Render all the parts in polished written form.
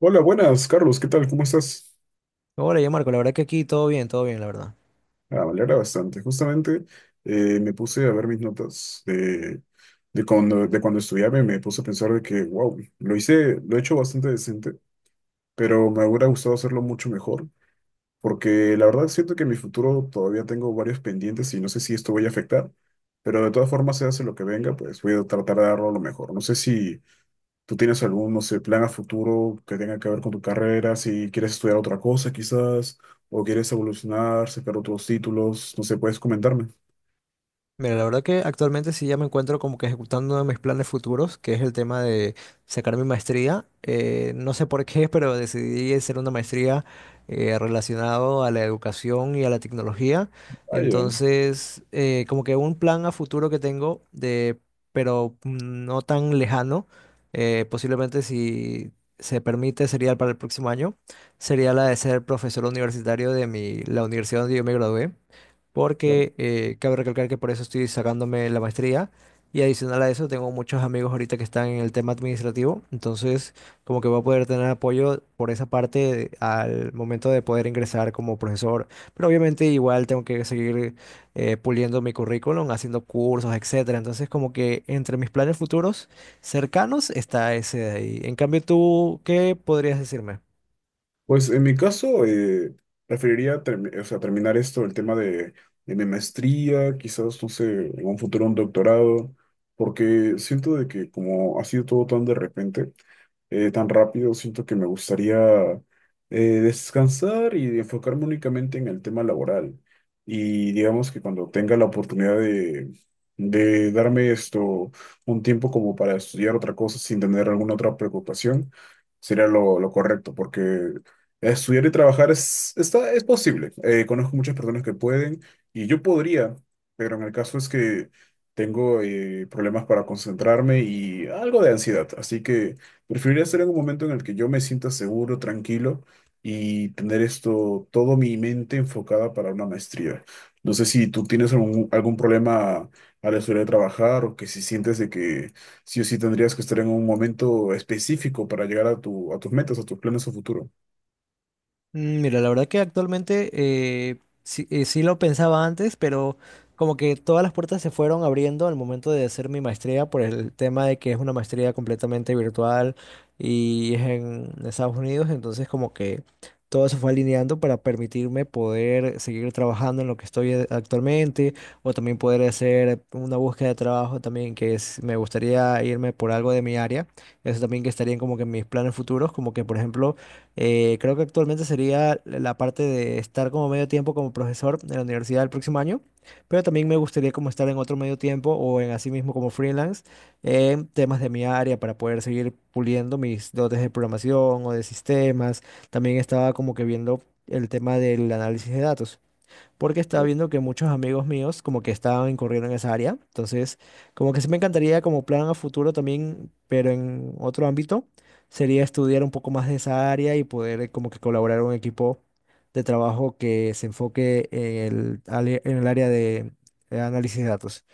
Hola, buenas, Carlos, ¿qué tal? ¿Cómo estás? Hola, ya Marco, la verdad que aquí todo bien, la verdad. Ah, me alegra bastante. Justamente me puse a ver mis notas de cuando estudiaba y me puse a pensar de que, wow, lo hice, lo he hecho bastante decente, pero me hubiera gustado hacerlo mucho mejor, porque la verdad siento que en mi futuro todavía tengo varios pendientes y no sé si esto voy a afectar, pero de todas formas, se hace lo que venga, pues voy a tratar de darlo lo mejor. No sé si ¿Tú tienes algún, no sé, plan a futuro que tenga que ver con tu carrera? Si quieres estudiar otra cosa, quizás, o quieres evolucionar, sacar otros títulos, no sé, ¿puedes comentarme? Mira, la verdad que actualmente sí ya me encuentro como que ejecutando uno de mis planes futuros, que es el tema de sacar mi maestría. No sé por qué, pero decidí hacer una maestría relacionado a la educación y a la tecnología. Ah, ya, Entonces, como que un plan a futuro que tengo de, pero no tan lejano, posiblemente si se permite sería para el próximo año, sería la de ser profesor universitario de mi, la universidad donde yo me gradué. claro. Porque cabe recalcar que por eso estoy sacándome la maestría, y adicional a eso tengo muchos amigos ahorita que están en el tema administrativo. Entonces, como que voy a poder tener apoyo por esa parte al momento de poder ingresar como profesor, pero obviamente igual tengo que seguir puliendo mi currículum, haciendo cursos, etcétera. Entonces, como que entre mis planes futuros cercanos está ese de ahí. En cambio, tú, ¿qué podrías decirme? Pues en mi caso, preferiría o sea, terminar esto, el tema de mi maestría, quizás, no sé, en un futuro un doctorado, porque siento de que como ha sido todo tan de repente, tan rápido. Siento que me gustaría descansar y enfocarme únicamente en el tema laboral. Y digamos que cuando tenga la oportunidad de darme esto un tiempo como para estudiar otra cosa sin tener alguna otra preocupación, sería lo correcto, porque estudiar y trabajar es, está, es posible. Conozco muchas personas que pueden y yo podría, pero en el caso es que... Tengo problemas para concentrarme y algo de ansiedad, así que preferiría estar en un momento en el que yo me sienta seguro, tranquilo y tener esto, todo mi mente enfocada para una maestría. No sé si tú tienes algún, algún problema a la hora de trabajar o que si sientes de que sí o sí tendrías que estar en un momento específico para llegar a tu, a tus metas, a tus planes a futuro. Mira, la verdad que actualmente, sí, sí lo pensaba antes, pero como que todas las puertas se fueron abriendo al momento de hacer mi maestría por el tema de que es una maestría completamente virtual y es en Estados Unidos. Entonces, como que todo se fue alineando para permitirme poder seguir trabajando en lo que estoy actualmente, o también poder hacer una búsqueda de trabajo también que es, me gustaría irme por algo de mi área. Eso también que estaría como que en mis planes futuros, como que por ejemplo, creo que actualmente sería la parte de estar como medio tiempo como profesor en la universidad el próximo año, pero también me gustaría como estar en otro medio tiempo o en así mismo como freelance en temas de mi área para poder seguir puliendo mis dotes de programación o de sistemas. También estaba como que viendo el tema del análisis de datos, porque estaba viendo que muchos amigos míos como que estaban incurriendo en esa área. Entonces, como que sí me encantaría como plan a futuro también, pero en otro ámbito, sería estudiar un poco más de esa área y poder, como que colaborar en un equipo de trabajo que se enfoque en el, en el área de análisis de datos.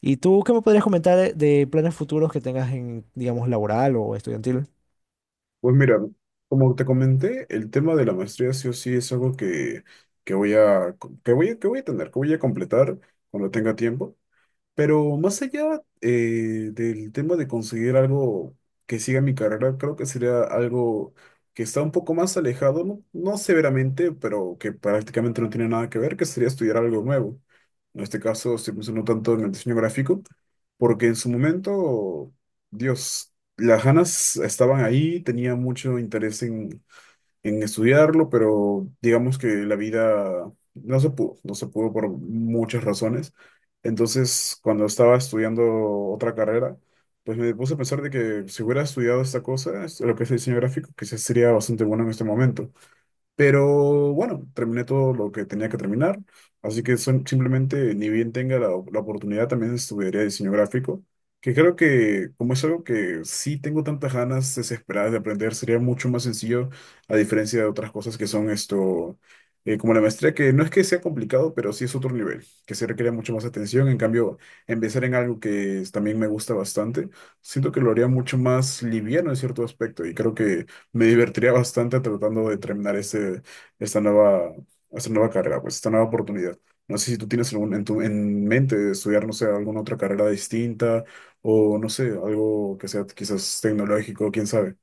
¿Y tú qué me podrías comentar de planes futuros que tengas en, digamos, laboral o estudiantil? Pues mira, como te comenté, el tema de la maestría sí o sí es algo que, que voy a, que voy a tener, que voy a completar cuando tenga tiempo. Pero más allá del tema de conseguir algo que siga mi carrera, creo que sería algo que está un poco más alejado, no, no severamente, pero que prácticamente no tiene nada que ver, que sería estudiar algo nuevo. En este caso estoy pensando tanto en el diseño gráfico, porque en su momento, Dios, las ganas estaban ahí, tenía mucho interés en estudiarlo, pero digamos que la vida no se pudo, no se pudo por muchas razones. Entonces, cuando estaba estudiando otra carrera, pues me puse a pensar de que si hubiera estudiado esta cosa, lo que es diseño gráfico, quizás sería bastante bueno en este momento. Pero bueno, terminé todo lo que tenía que terminar, así que son, simplemente ni bien tenga la, la oportunidad también estudiaría diseño gráfico, que creo que como es algo que sí tengo tantas ganas desesperadas de aprender, sería mucho más sencillo a diferencia de otras cosas que son esto, como la maestría, que no es que sea complicado, pero sí es otro nivel, que se requiere mucho más atención, en cambio, empezar en algo también me gusta bastante, siento que lo haría mucho más liviano en cierto aspecto y creo que... Me divertiría bastante tratando de terminar este, esta nueva, esta nueva carrera, pues esta nueva oportunidad. No sé si tú tienes algún, en tu, en mente estudiar, no sé, alguna otra carrera distinta o no sé, algo que sea quizás tecnológico, quién sabe.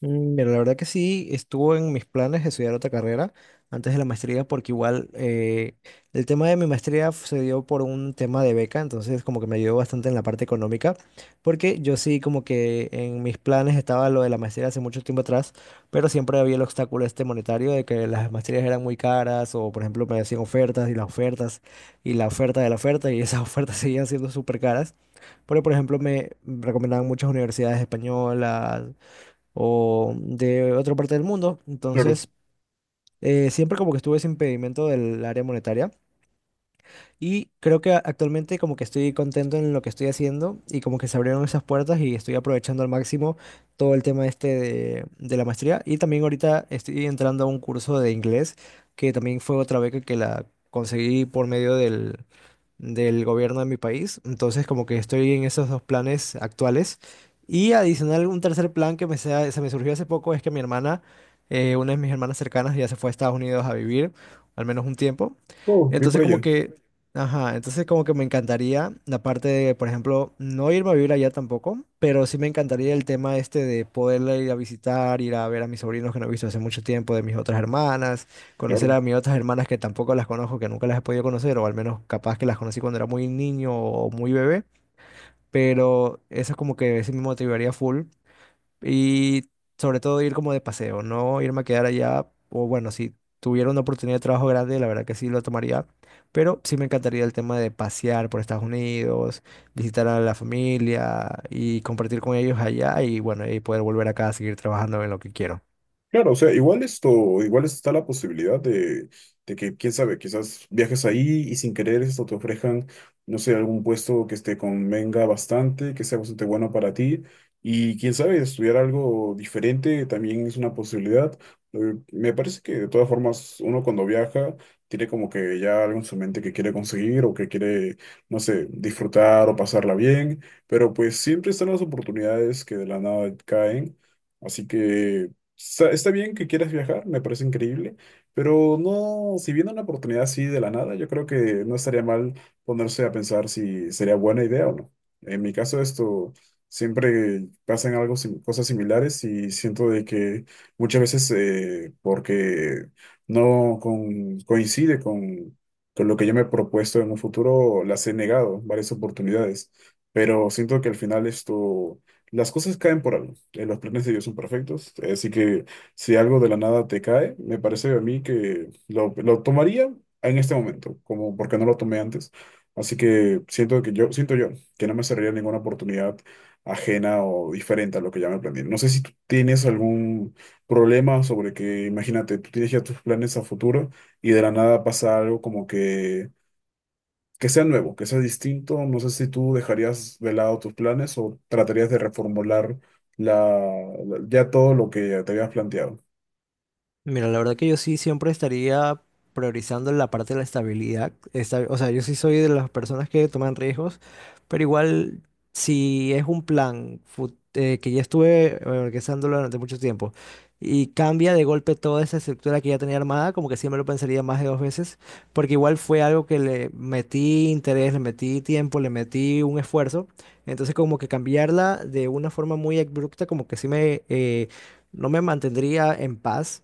Pero la verdad que sí, estuvo en mis planes de estudiar otra carrera antes de la maestría, porque igual, el tema de mi maestría se dio por un tema de beca, entonces como que me ayudó bastante en la parte económica, porque yo sí como que en mis planes estaba lo de la maestría hace mucho tiempo atrás. Pero siempre había el obstáculo este monetario de que las maestrías eran muy caras, o por ejemplo me hacían ofertas, y las ofertas y la oferta de la oferta, y esas ofertas seguían siendo súper caras, porque por ejemplo me recomendaban muchas universidades españolas o de otra parte del mundo. Claro. Entonces, siempre como que estuve ese impedimento del área monetaria, y creo que actualmente como que estoy contento en lo que estoy haciendo, y como que se abrieron esas puertas y estoy aprovechando al máximo todo el tema este de la maestría. Y también ahorita estoy entrando a un curso de inglés, que también fue otra beca, que la conseguí por medio del gobierno de mi país. Entonces, como que estoy en esos dos planes actuales. Y adicional, un tercer plan que me se me surgió hace poco, es que mi hermana, una de mis hermanas cercanas, ya se fue a Estados Unidos a vivir, al menos un tiempo. Oh, bien Entonces, por como ello. que, ajá, entonces como que me encantaría la parte de, por ejemplo, no irme a vivir allá tampoco, pero sí me encantaría el tema este de poderla ir a visitar, ir a ver a mis sobrinos que no he visto hace mucho tiempo, de mis otras hermanas, conocer Claro. a mis otras hermanas que tampoco las conozco, que nunca las he podido conocer, o al menos capaz que las conocí cuando era muy niño o muy bebé. Pero eso es como que ese me motivaría full, y sobre todo ir como de paseo, no irme a quedar allá. O bueno, si tuviera una oportunidad de trabajo grande, la verdad que sí lo tomaría, pero sí me encantaría el tema de pasear por Estados Unidos, visitar a la familia y compartir con ellos allá. Y bueno, y poder volver acá a seguir trabajando en lo que quiero. Claro, o sea, igual esto, igual está la posibilidad de que, quién sabe, quizás viajes ahí y sin querer esto te ofrezcan, no sé, algún puesto que te convenga bastante, que sea bastante bueno para ti. Y quién sabe, estudiar algo diferente también es una posibilidad. Me parece que de todas formas uno cuando viaja tiene como que ya algo en su mente que quiere conseguir o que quiere, no sé, disfrutar o pasarla bien, pero pues siempre están las oportunidades que de la nada caen. Así que está, está bien que quieras viajar, me parece increíble, pero no, si viene una oportunidad así de la nada, yo creo que no estaría mal ponerse a pensar si sería buena idea o no. En mi caso, esto siempre pasan algo, cosas similares y siento de que muchas veces porque no con- coincide con lo que yo me he propuesto en un futuro, las he negado varias oportunidades, pero siento que al final esto las cosas caen por algo. Los planes de Dios son perfectos. Así que si algo de la nada te cae, me parece a mí que lo tomaría en este momento, como porque no lo tomé antes. Así que siento que yo, siento yo que no me cerraría ninguna oportunidad ajena o diferente a lo que ya me planeé. No sé si tú tienes algún problema sobre que, imagínate, tú tienes ya tus planes a futuro y de la nada pasa algo como que sea nuevo, que sea distinto. No sé si tú dejarías de lado tus planes o tratarías de reformular la, ya todo lo que te habías planteado. Mira, la verdad que yo sí siempre estaría priorizando la parte de la estabilidad. O sea, yo sí soy de las personas que toman riesgos, pero igual si es un plan que ya estuve organizándolo durante mucho tiempo, y cambia de golpe toda esa estructura que ya tenía armada, como que siempre lo pensaría más de dos veces, porque igual fue algo que le metí interés, le metí tiempo, le metí un esfuerzo. Entonces como que cambiarla de una forma muy abrupta, como que sí me... no me mantendría en paz.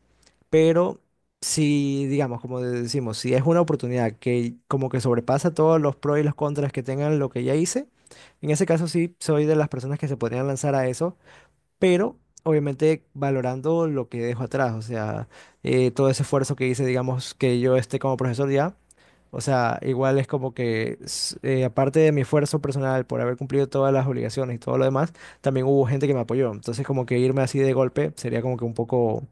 Pero si, digamos, como decimos, si es una oportunidad que como que sobrepasa todos los pros y los contras que tengan lo que ya hice, en ese caso sí soy de las personas que se podrían lanzar a eso, pero obviamente valorando lo que dejo atrás. O sea, todo ese esfuerzo que hice, digamos, que yo esté como profesor ya. O sea, igual es como que, aparte de mi esfuerzo personal por haber cumplido todas las obligaciones y todo lo demás, también hubo gente que me apoyó. Entonces, como que irme así de golpe sería como que un poco,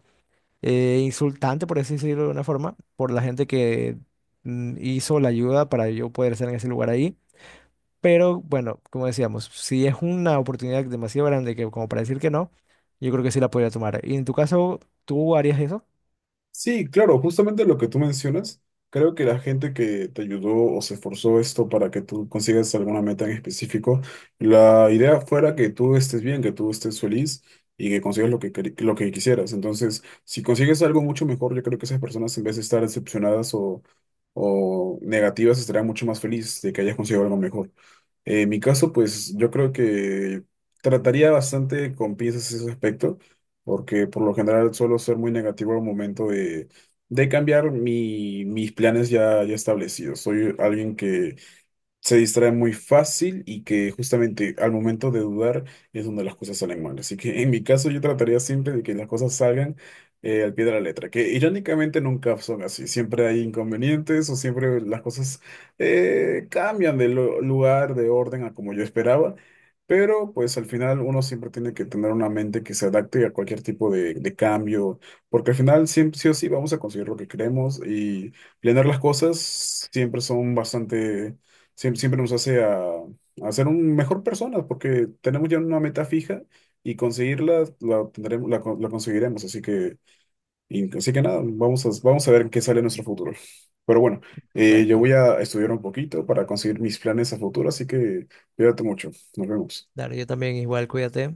insultante, por así decirlo de una forma, por la gente que hizo la ayuda para yo poder estar en ese lugar ahí. Pero bueno, como decíamos, si es una oportunidad demasiado grande que como para decir que no, yo creo que sí la podría tomar. Y en tu caso, ¿tú harías eso? Sí, claro, justamente lo que tú mencionas, creo que la gente que te ayudó o se esforzó esto para que tú consigas alguna meta en específico, la idea fuera que tú estés bien, que tú estés feliz y que consigas lo que, lo que quisieras. Entonces, si consigues algo mucho mejor, yo creo que esas personas en vez de estar decepcionadas o negativas, estarán mucho más felices de que hayas conseguido algo mejor. En mi caso, pues yo creo que trataría bastante con piezas ese aspecto porque por lo general suelo ser muy negativo al momento de cambiar mis planes ya, ya establecidos. Soy alguien que se distrae muy fácil y que justamente al momento de dudar es donde las cosas salen mal. Así que en mi caso yo trataría siempre de que las cosas salgan al pie de la letra, que irónicamente nunca son así. Siempre hay inconvenientes o siempre las cosas cambian de lugar, de orden a como yo esperaba. Pero pues al final uno siempre tiene que tener una mente que se adapte a cualquier tipo de cambio, porque al final siempre sí o sí vamos a conseguir lo que queremos y planear las cosas siempre son bastante siempre nos hace a ser un mejor personas porque tenemos ya una meta fija y conseguirla la tendremos, la, la conseguiremos. Así que, así que nada, vamos a, vamos a ver qué sale en nuestro futuro. Pero bueno, yo Exacto. voy a estudiar un poquito para conseguir mis planes a futuro, así que cuídate mucho. Nos vemos. Claro, yo también igual, cuídate.